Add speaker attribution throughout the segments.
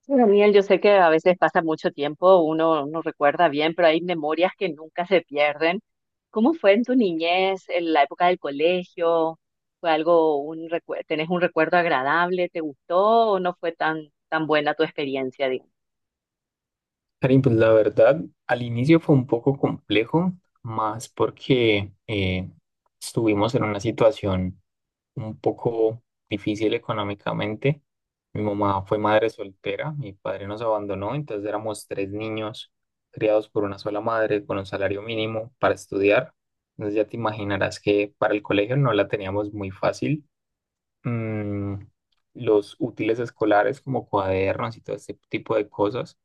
Speaker 1: Sí, Daniel, yo sé que a veces pasa mucho tiempo, uno no recuerda bien, pero hay memorias que nunca se pierden. ¿Cómo fue en tu niñez, en la época del colegio? ¿Fue algo, un recuerdo, tenés un recuerdo agradable? ¿Te gustó o no fue tan buena tu experiencia, digamos?
Speaker 2: Karim, pues la verdad, al inicio fue un poco complejo, más porque estuvimos en una situación un poco difícil económicamente. Mi mamá fue madre soltera, mi padre nos abandonó, entonces éramos tres niños criados por una sola madre con un salario mínimo para estudiar. Entonces ya te imaginarás que para el colegio no la teníamos muy fácil. Mm, los útiles escolares como cuadernos y todo ese tipo de cosas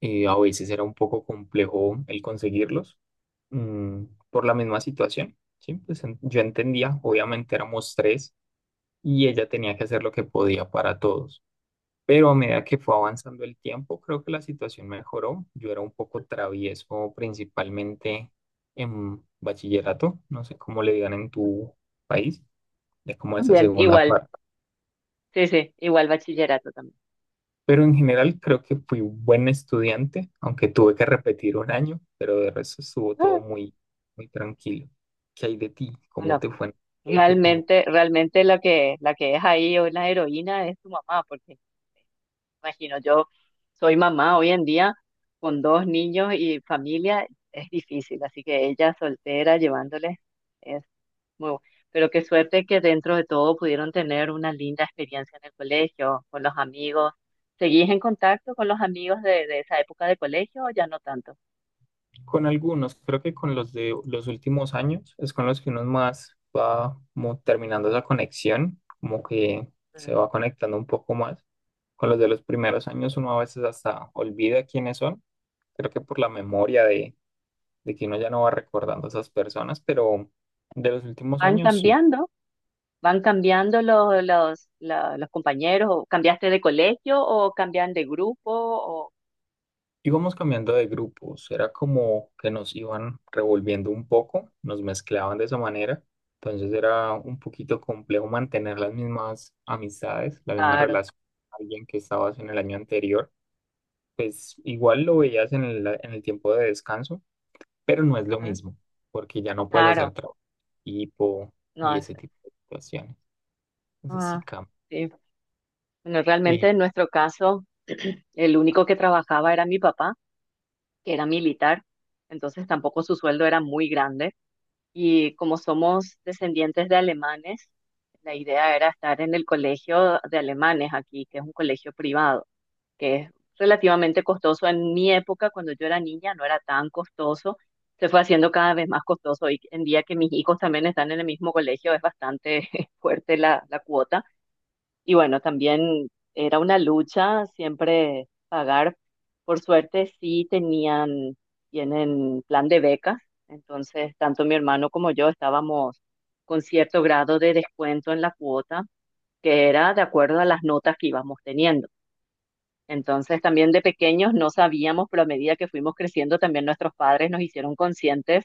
Speaker 2: a veces era un poco complejo el conseguirlos mm, por la misma situación, ¿sí? Pues yo entendía, obviamente éramos tres y ella tenía que hacer lo que podía para todos, pero a medida que fue avanzando el tiempo, creo que la situación mejoró. Yo era un poco travieso principalmente en bachillerato, no sé cómo le digan en tu país, es como esa
Speaker 1: Bien,
Speaker 2: segunda
Speaker 1: igual,
Speaker 2: parte.
Speaker 1: sí, sí, igual bachillerato también.
Speaker 2: Pero en general creo que fui buen estudiante, aunque tuve que repetir un año, pero de resto estuvo todo
Speaker 1: Ah.
Speaker 2: muy, muy tranquilo. ¿Qué hay de ti? ¿Cómo
Speaker 1: Bueno,
Speaker 2: te fue en el colegio? ¿Cómo-
Speaker 1: realmente la que es ahí hoy la heroína es tu mamá, porque imagino, yo soy mamá hoy en día con dos niños y familia, es difícil, así que ella soltera llevándoles es muy bu- pero qué suerte que dentro de todo pudieron tener una linda experiencia en el colegio, con los amigos. ¿Seguís en contacto con los amigos de esa época de colegio o ya no tanto?
Speaker 2: Con algunos, creo que con los de los últimos años es con los que uno más va como terminando esa conexión, como que se
Speaker 1: Mm.
Speaker 2: va conectando un poco más. Con los de los primeros años uno a veces hasta olvida quiénes son, creo que por la memoria de, que uno ya no va recordando a esas personas, pero de los últimos
Speaker 1: Van
Speaker 2: años sí.
Speaker 1: cambiando, van cambiando los compañeros, o cambiaste de colegio o cambian de grupo, o
Speaker 2: Íbamos cambiando de grupos, era como que nos iban revolviendo un poco, nos mezclaban de esa manera, entonces era un poquito complejo mantener las mismas amistades, la misma
Speaker 1: claro,
Speaker 2: relación con alguien que estabas en el año anterior, pues igual lo veías en el tiempo de descanso, pero no es lo
Speaker 1: ujú,
Speaker 2: mismo, porque ya no puedes hacer
Speaker 1: claro.
Speaker 2: trabajo en equipo y
Speaker 1: No.
Speaker 2: ese tipo de situaciones, entonces sí
Speaker 1: Ah,
Speaker 2: cambia.
Speaker 1: sí. Bueno, realmente
Speaker 2: ¿Y,
Speaker 1: en nuestro caso, el único que trabajaba era mi papá, que era militar, entonces tampoco su sueldo era muy grande. Y como somos descendientes de alemanes, la idea era estar en el colegio de alemanes aquí, que es un colegio privado, que es relativamente costoso. En mi época, cuando yo era niña, no era tan costoso. Se fue haciendo cada vez más costoso. Y en día que mis hijos también están en el mismo colegio, es bastante fuerte la cuota y bueno, también era una lucha siempre pagar. Por suerte sí tenían, tienen plan de becas, entonces tanto mi hermano como yo estábamos con cierto grado de descuento en la cuota, que era de acuerdo a las notas que íbamos teniendo. Entonces también de pequeños no sabíamos, pero a medida que fuimos creciendo también nuestros padres nos hicieron conscientes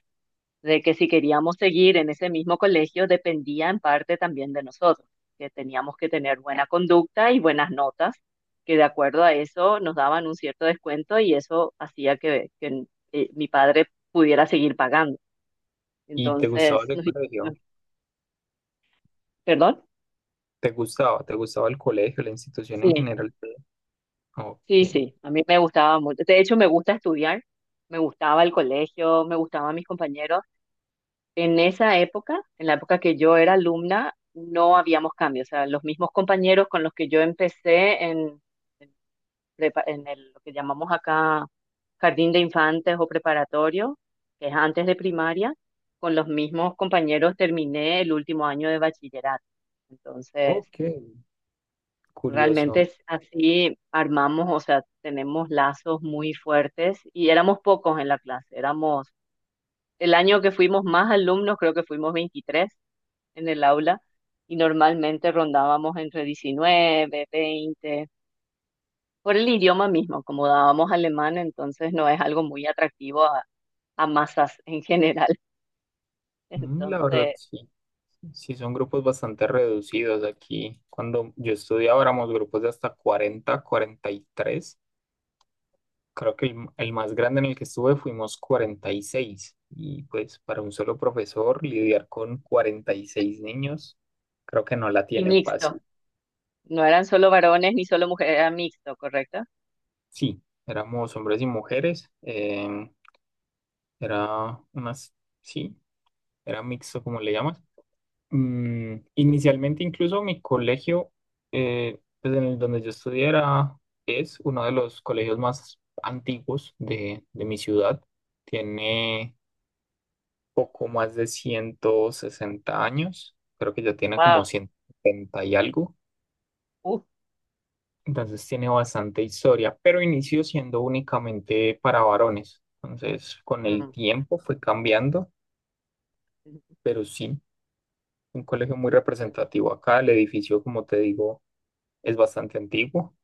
Speaker 1: de que si queríamos seguir en ese mismo colegio dependía en parte también de nosotros, que teníamos que tener buena conducta y buenas notas, que de acuerdo a eso nos daban un cierto descuento y eso hacía que mi padre pudiera seguir pagando.
Speaker 2: y te gustaba
Speaker 1: Entonces,
Speaker 2: ese colegio?
Speaker 1: ¿perdón?
Speaker 2: ¿Te gustaba? ¿Te gustaba el colegio, la institución en
Speaker 1: Sí,
Speaker 2: general?
Speaker 1: sí,
Speaker 2: Ok.
Speaker 1: sí, a mí me gustaba mucho. De hecho, me gusta estudiar, me gustaba el colegio, me gustaban mis compañeros. En esa época, en la época que yo era alumna, no habíamos cambios. O sea, los mismos compañeros con los que yo empecé en prepa- en el- lo que llamamos acá jardín de infantes o preparatorio, que es antes de primaria, con los mismos compañeros terminé el último año de bachillerato. Entonces,
Speaker 2: Ok,
Speaker 1: realmente
Speaker 2: curioso.
Speaker 1: es así armamos, o sea, tenemos lazos muy fuertes y éramos pocos en la clase. Éramos, el año que fuimos más alumnos, creo que fuimos 23 en el aula y normalmente rondábamos entre 19 20 por el idioma mismo, como dábamos alemán, entonces no es algo muy atractivo a masas en general.
Speaker 2: Mm, la verdad,
Speaker 1: Entonces,
Speaker 2: sí. Sí, son grupos bastante reducidos aquí. Cuando yo estudiaba éramos grupos de hasta cuarenta, cuarenta y tres. Creo que el más grande en el que estuve fuimos cuarenta y seis. Y pues para un solo profesor lidiar con 46 niños, creo que no la
Speaker 1: y
Speaker 2: tiene
Speaker 1: mixto,
Speaker 2: fácil.
Speaker 1: no eran solo varones ni solo mujeres, era mixto, ¿correcto?
Speaker 2: Sí, éramos hombres y mujeres. Era unas, sí, era mixto como le llamas. Mm, inicialmente incluso mi colegio, pues en el donde yo estudié era- es uno de los colegios más antiguos de mi ciudad. Tiene poco más de 160 años, creo que ya tiene como
Speaker 1: Wow,
Speaker 2: 170 y algo,
Speaker 1: uf.
Speaker 2: entonces tiene bastante historia, pero inició siendo únicamente para varones. Entonces con el
Speaker 1: Mm.
Speaker 2: tiempo fue cambiando, pero sí, un colegio muy representativo acá, el edificio, como te digo, es bastante antiguo.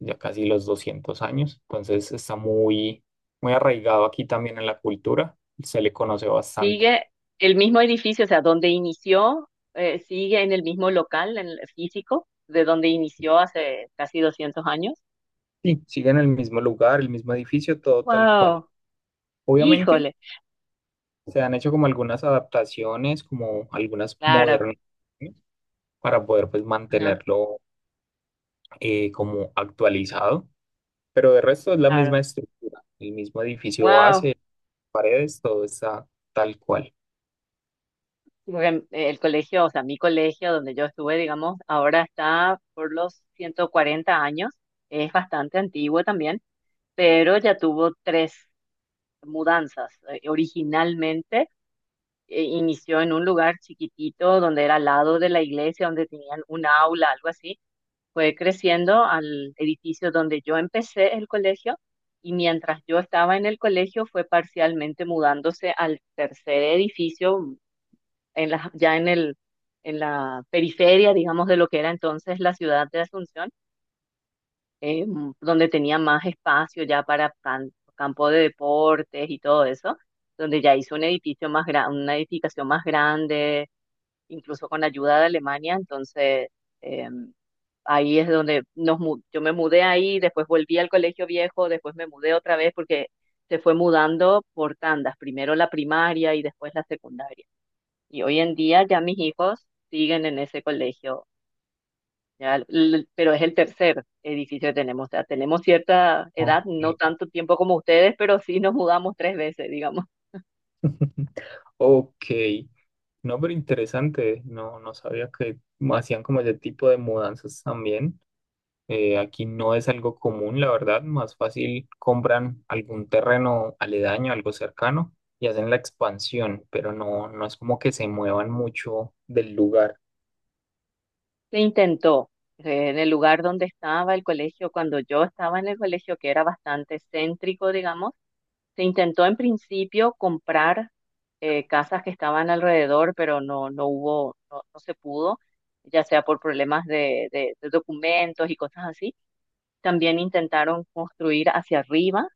Speaker 2: Ya casi los 200 años, entonces está muy, muy arraigado aquí también en la cultura, se le conoce bastante.
Speaker 1: Sigue el mismo edificio, o sea, donde inició, sigue en el mismo local, en el físico, de donde inició hace casi 200 años.
Speaker 2: Sí, sigue en el mismo lugar, el mismo edificio, todo tal cual.
Speaker 1: Wow,
Speaker 2: Obviamente
Speaker 1: híjole,
Speaker 2: se han hecho como algunas adaptaciones, como algunas
Speaker 1: claro.
Speaker 2: modernas, para poder pues
Speaker 1: Ajá,
Speaker 2: mantenerlo como actualizado, pero de resto es la
Speaker 1: claro.
Speaker 2: misma estructura, el mismo edificio
Speaker 1: Wow.
Speaker 2: base, paredes, todo está tal cual.
Speaker 1: Porque el colegio, o sea, mi colegio donde yo estuve, digamos, ahora está por los 140 años. Es bastante antiguo también, pero ya tuvo tres mudanzas. Originalmente inició en un lugar chiquitito donde era al lado de la iglesia, donde tenían un aula, algo así. Fue creciendo al edificio donde yo empecé el colegio. Y mientras yo estaba en el colegio, fue parcialmente mudándose al tercer edificio, en la, ya en el, en la periferia, digamos, de lo que era entonces la ciudad de Asunción, donde tenía más espacio ya para campo de deportes y todo eso, donde ya hizo un edificio más gran, una edificación más grande, incluso con ayuda de Alemania, entonces eh, ahí es donde yo me mudé ahí, después volví al colegio viejo, después me mudé otra vez porque se fue mudando por tandas, primero la primaria y después la secundaria. Y hoy en día ya mis hijos siguen en ese colegio, ya, pero es el tercer edificio que tenemos. O sea, tenemos cierta
Speaker 2: Ok.
Speaker 1: edad, no tanto tiempo como ustedes, pero sí nos mudamos tres veces, digamos.
Speaker 2: Ok, no, pero interesante, no, no sabía que hacían como ese tipo de mudanzas también. Aquí no es algo común, la verdad, más fácil compran algún terreno aledaño, algo cercano, y hacen la expansión, pero no, no es como que se muevan mucho del lugar.
Speaker 1: Se intentó en el lugar donde estaba el colegio, cuando yo estaba en el colegio, que era bastante céntrico, digamos, se intentó en principio comprar casas que estaban alrededor, pero no, no se pudo, ya sea por problemas de documentos y cosas así. También intentaron construir hacia arriba,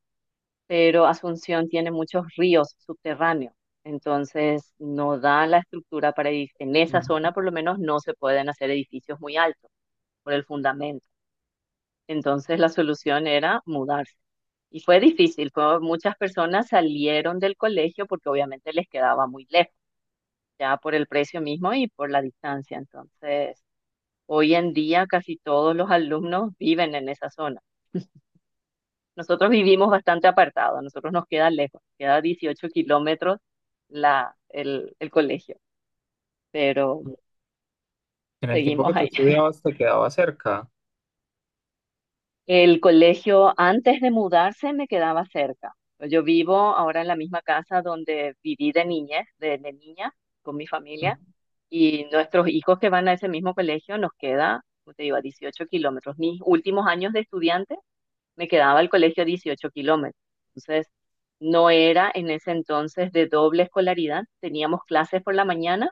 Speaker 1: pero Asunción tiene muchos ríos subterráneos, entonces no da la estructura para edificios. En esa
Speaker 2: Ujú.
Speaker 1: zona por lo menos no se pueden hacer edificios muy altos por el fundamento. Entonces la solución era mudarse. Y fue difícil, muchas personas salieron del colegio porque obviamente les quedaba muy lejos, ya por el precio mismo y por la distancia. Entonces, hoy en día casi todos los alumnos viven en esa zona. Nosotros vivimos bastante apartados, a nosotros nos queda lejos, queda 18 kilómetros el colegio, pero
Speaker 2: En el tiempo que
Speaker 1: seguimos
Speaker 2: tú
Speaker 1: ahí.
Speaker 2: estudiabas, te quedaba cerca.
Speaker 1: El colegio antes de mudarse me quedaba cerca. Yo vivo ahora en la misma casa donde viví de niña, con mi
Speaker 2: Ujú.
Speaker 1: familia, y nuestros hijos que van a ese mismo colegio nos queda, como te digo, a 18 kilómetros. Mis últimos años de estudiante me quedaba al colegio 18 kilómetros. Entonces, no era en ese entonces de doble escolaridad, teníamos clases por la mañana,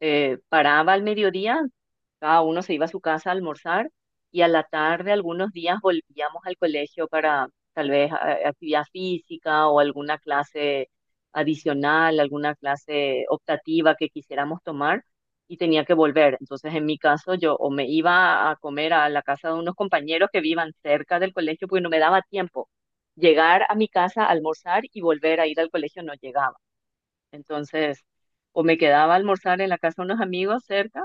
Speaker 1: paraba al mediodía, cada uno se iba a su casa a almorzar y a la tarde algunos días volvíamos al colegio para tal vez actividad física o alguna clase adicional, alguna clase optativa que quisiéramos tomar y tenía que volver. Entonces, en mi caso, yo o me iba a comer a la casa de unos compañeros que vivan cerca del colegio porque no me daba tiempo. Llegar a mi casa, almorzar y volver a ir al colegio no llegaba. Entonces, o me quedaba a almorzar en la casa de unos amigos cerca,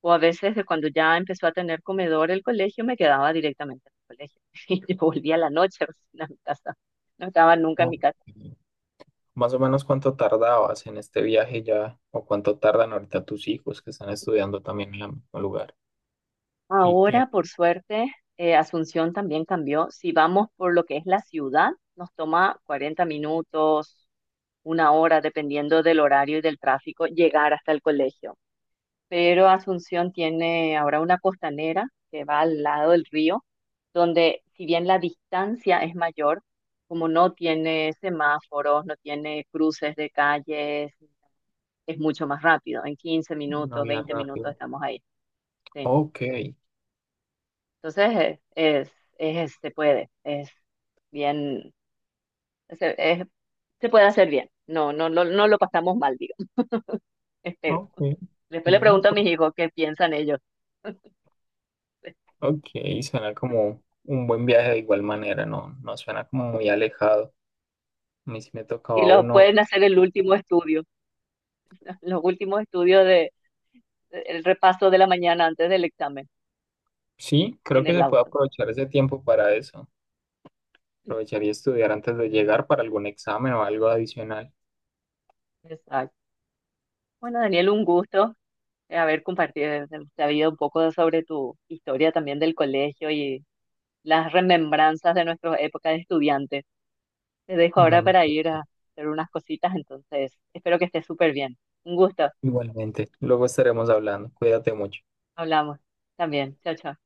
Speaker 1: o a veces de cuando ya empezó a tener comedor el colegio, me quedaba directamente en el colegio. Y yo volvía a la noche recién a mi casa. No estaba nunca en
Speaker 2: Ok.
Speaker 1: mi casa.
Speaker 2: Más o menos cuánto tardabas en este viaje ya, o cuánto tardan ahorita tus hijos que están estudiando también en el mismo lugar. El
Speaker 1: Ahora,
Speaker 2: tiempo.
Speaker 1: por suerte, Asunción también cambió. Si vamos por lo que es la ciudad, nos toma 40 minutos, una hora, dependiendo del horario y del tráfico, llegar hasta el colegio. Pero Asunción tiene ahora una costanera que va al lado del río, donde si bien la distancia es mayor, como no tiene semáforos, no tiene cruces de calles, es mucho más rápido. En 15
Speaker 2: Una
Speaker 1: minutos,
Speaker 2: vía
Speaker 1: 20 minutos
Speaker 2: rápida.
Speaker 1: estamos ahí. Sí.
Speaker 2: Ok,
Speaker 1: Entonces, es- se puede, es bien, se, es- se puede hacer bien. No, no lo pasamos mal, digo, espero.
Speaker 2: ok.
Speaker 1: Después le
Speaker 2: Bien,
Speaker 1: pregunto a
Speaker 2: apro-
Speaker 1: mis hijos qué piensan ellos
Speaker 2: ok. Suena como un buen viaje de igual manera, no, no suena como muy alejado. A mí sí me
Speaker 1: y
Speaker 2: tocaba
Speaker 1: los
Speaker 2: uno.
Speaker 1: pueden hacer el último estudio. Los últimos estudios de el repaso de la mañana antes del examen
Speaker 2: Sí,
Speaker 1: en
Speaker 2: creo que
Speaker 1: el
Speaker 2: se puede
Speaker 1: auto.
Speaker 2: aprovechar ese tiempo para eso. Aprovechar y estudiar antes de llegar para algún examen o algo adicional.
Speaker 1: Exacto. Bueno, Daniel, un gusto, haber compartido, sabido un poco sobre tu historia también del colegio y las remembranzas de nuestra época de estudiante. Te dejo ahora para
Speaker 2: Igualmente,
Speaker 1: ir a hacer unas cositas, entonces espero que estés súper bien. Un gusto.
Speaker 2: igualmente. Luego estaremos hablando. Cuídate mucho.
Speaker 1: Hablamos también. Chao, chao.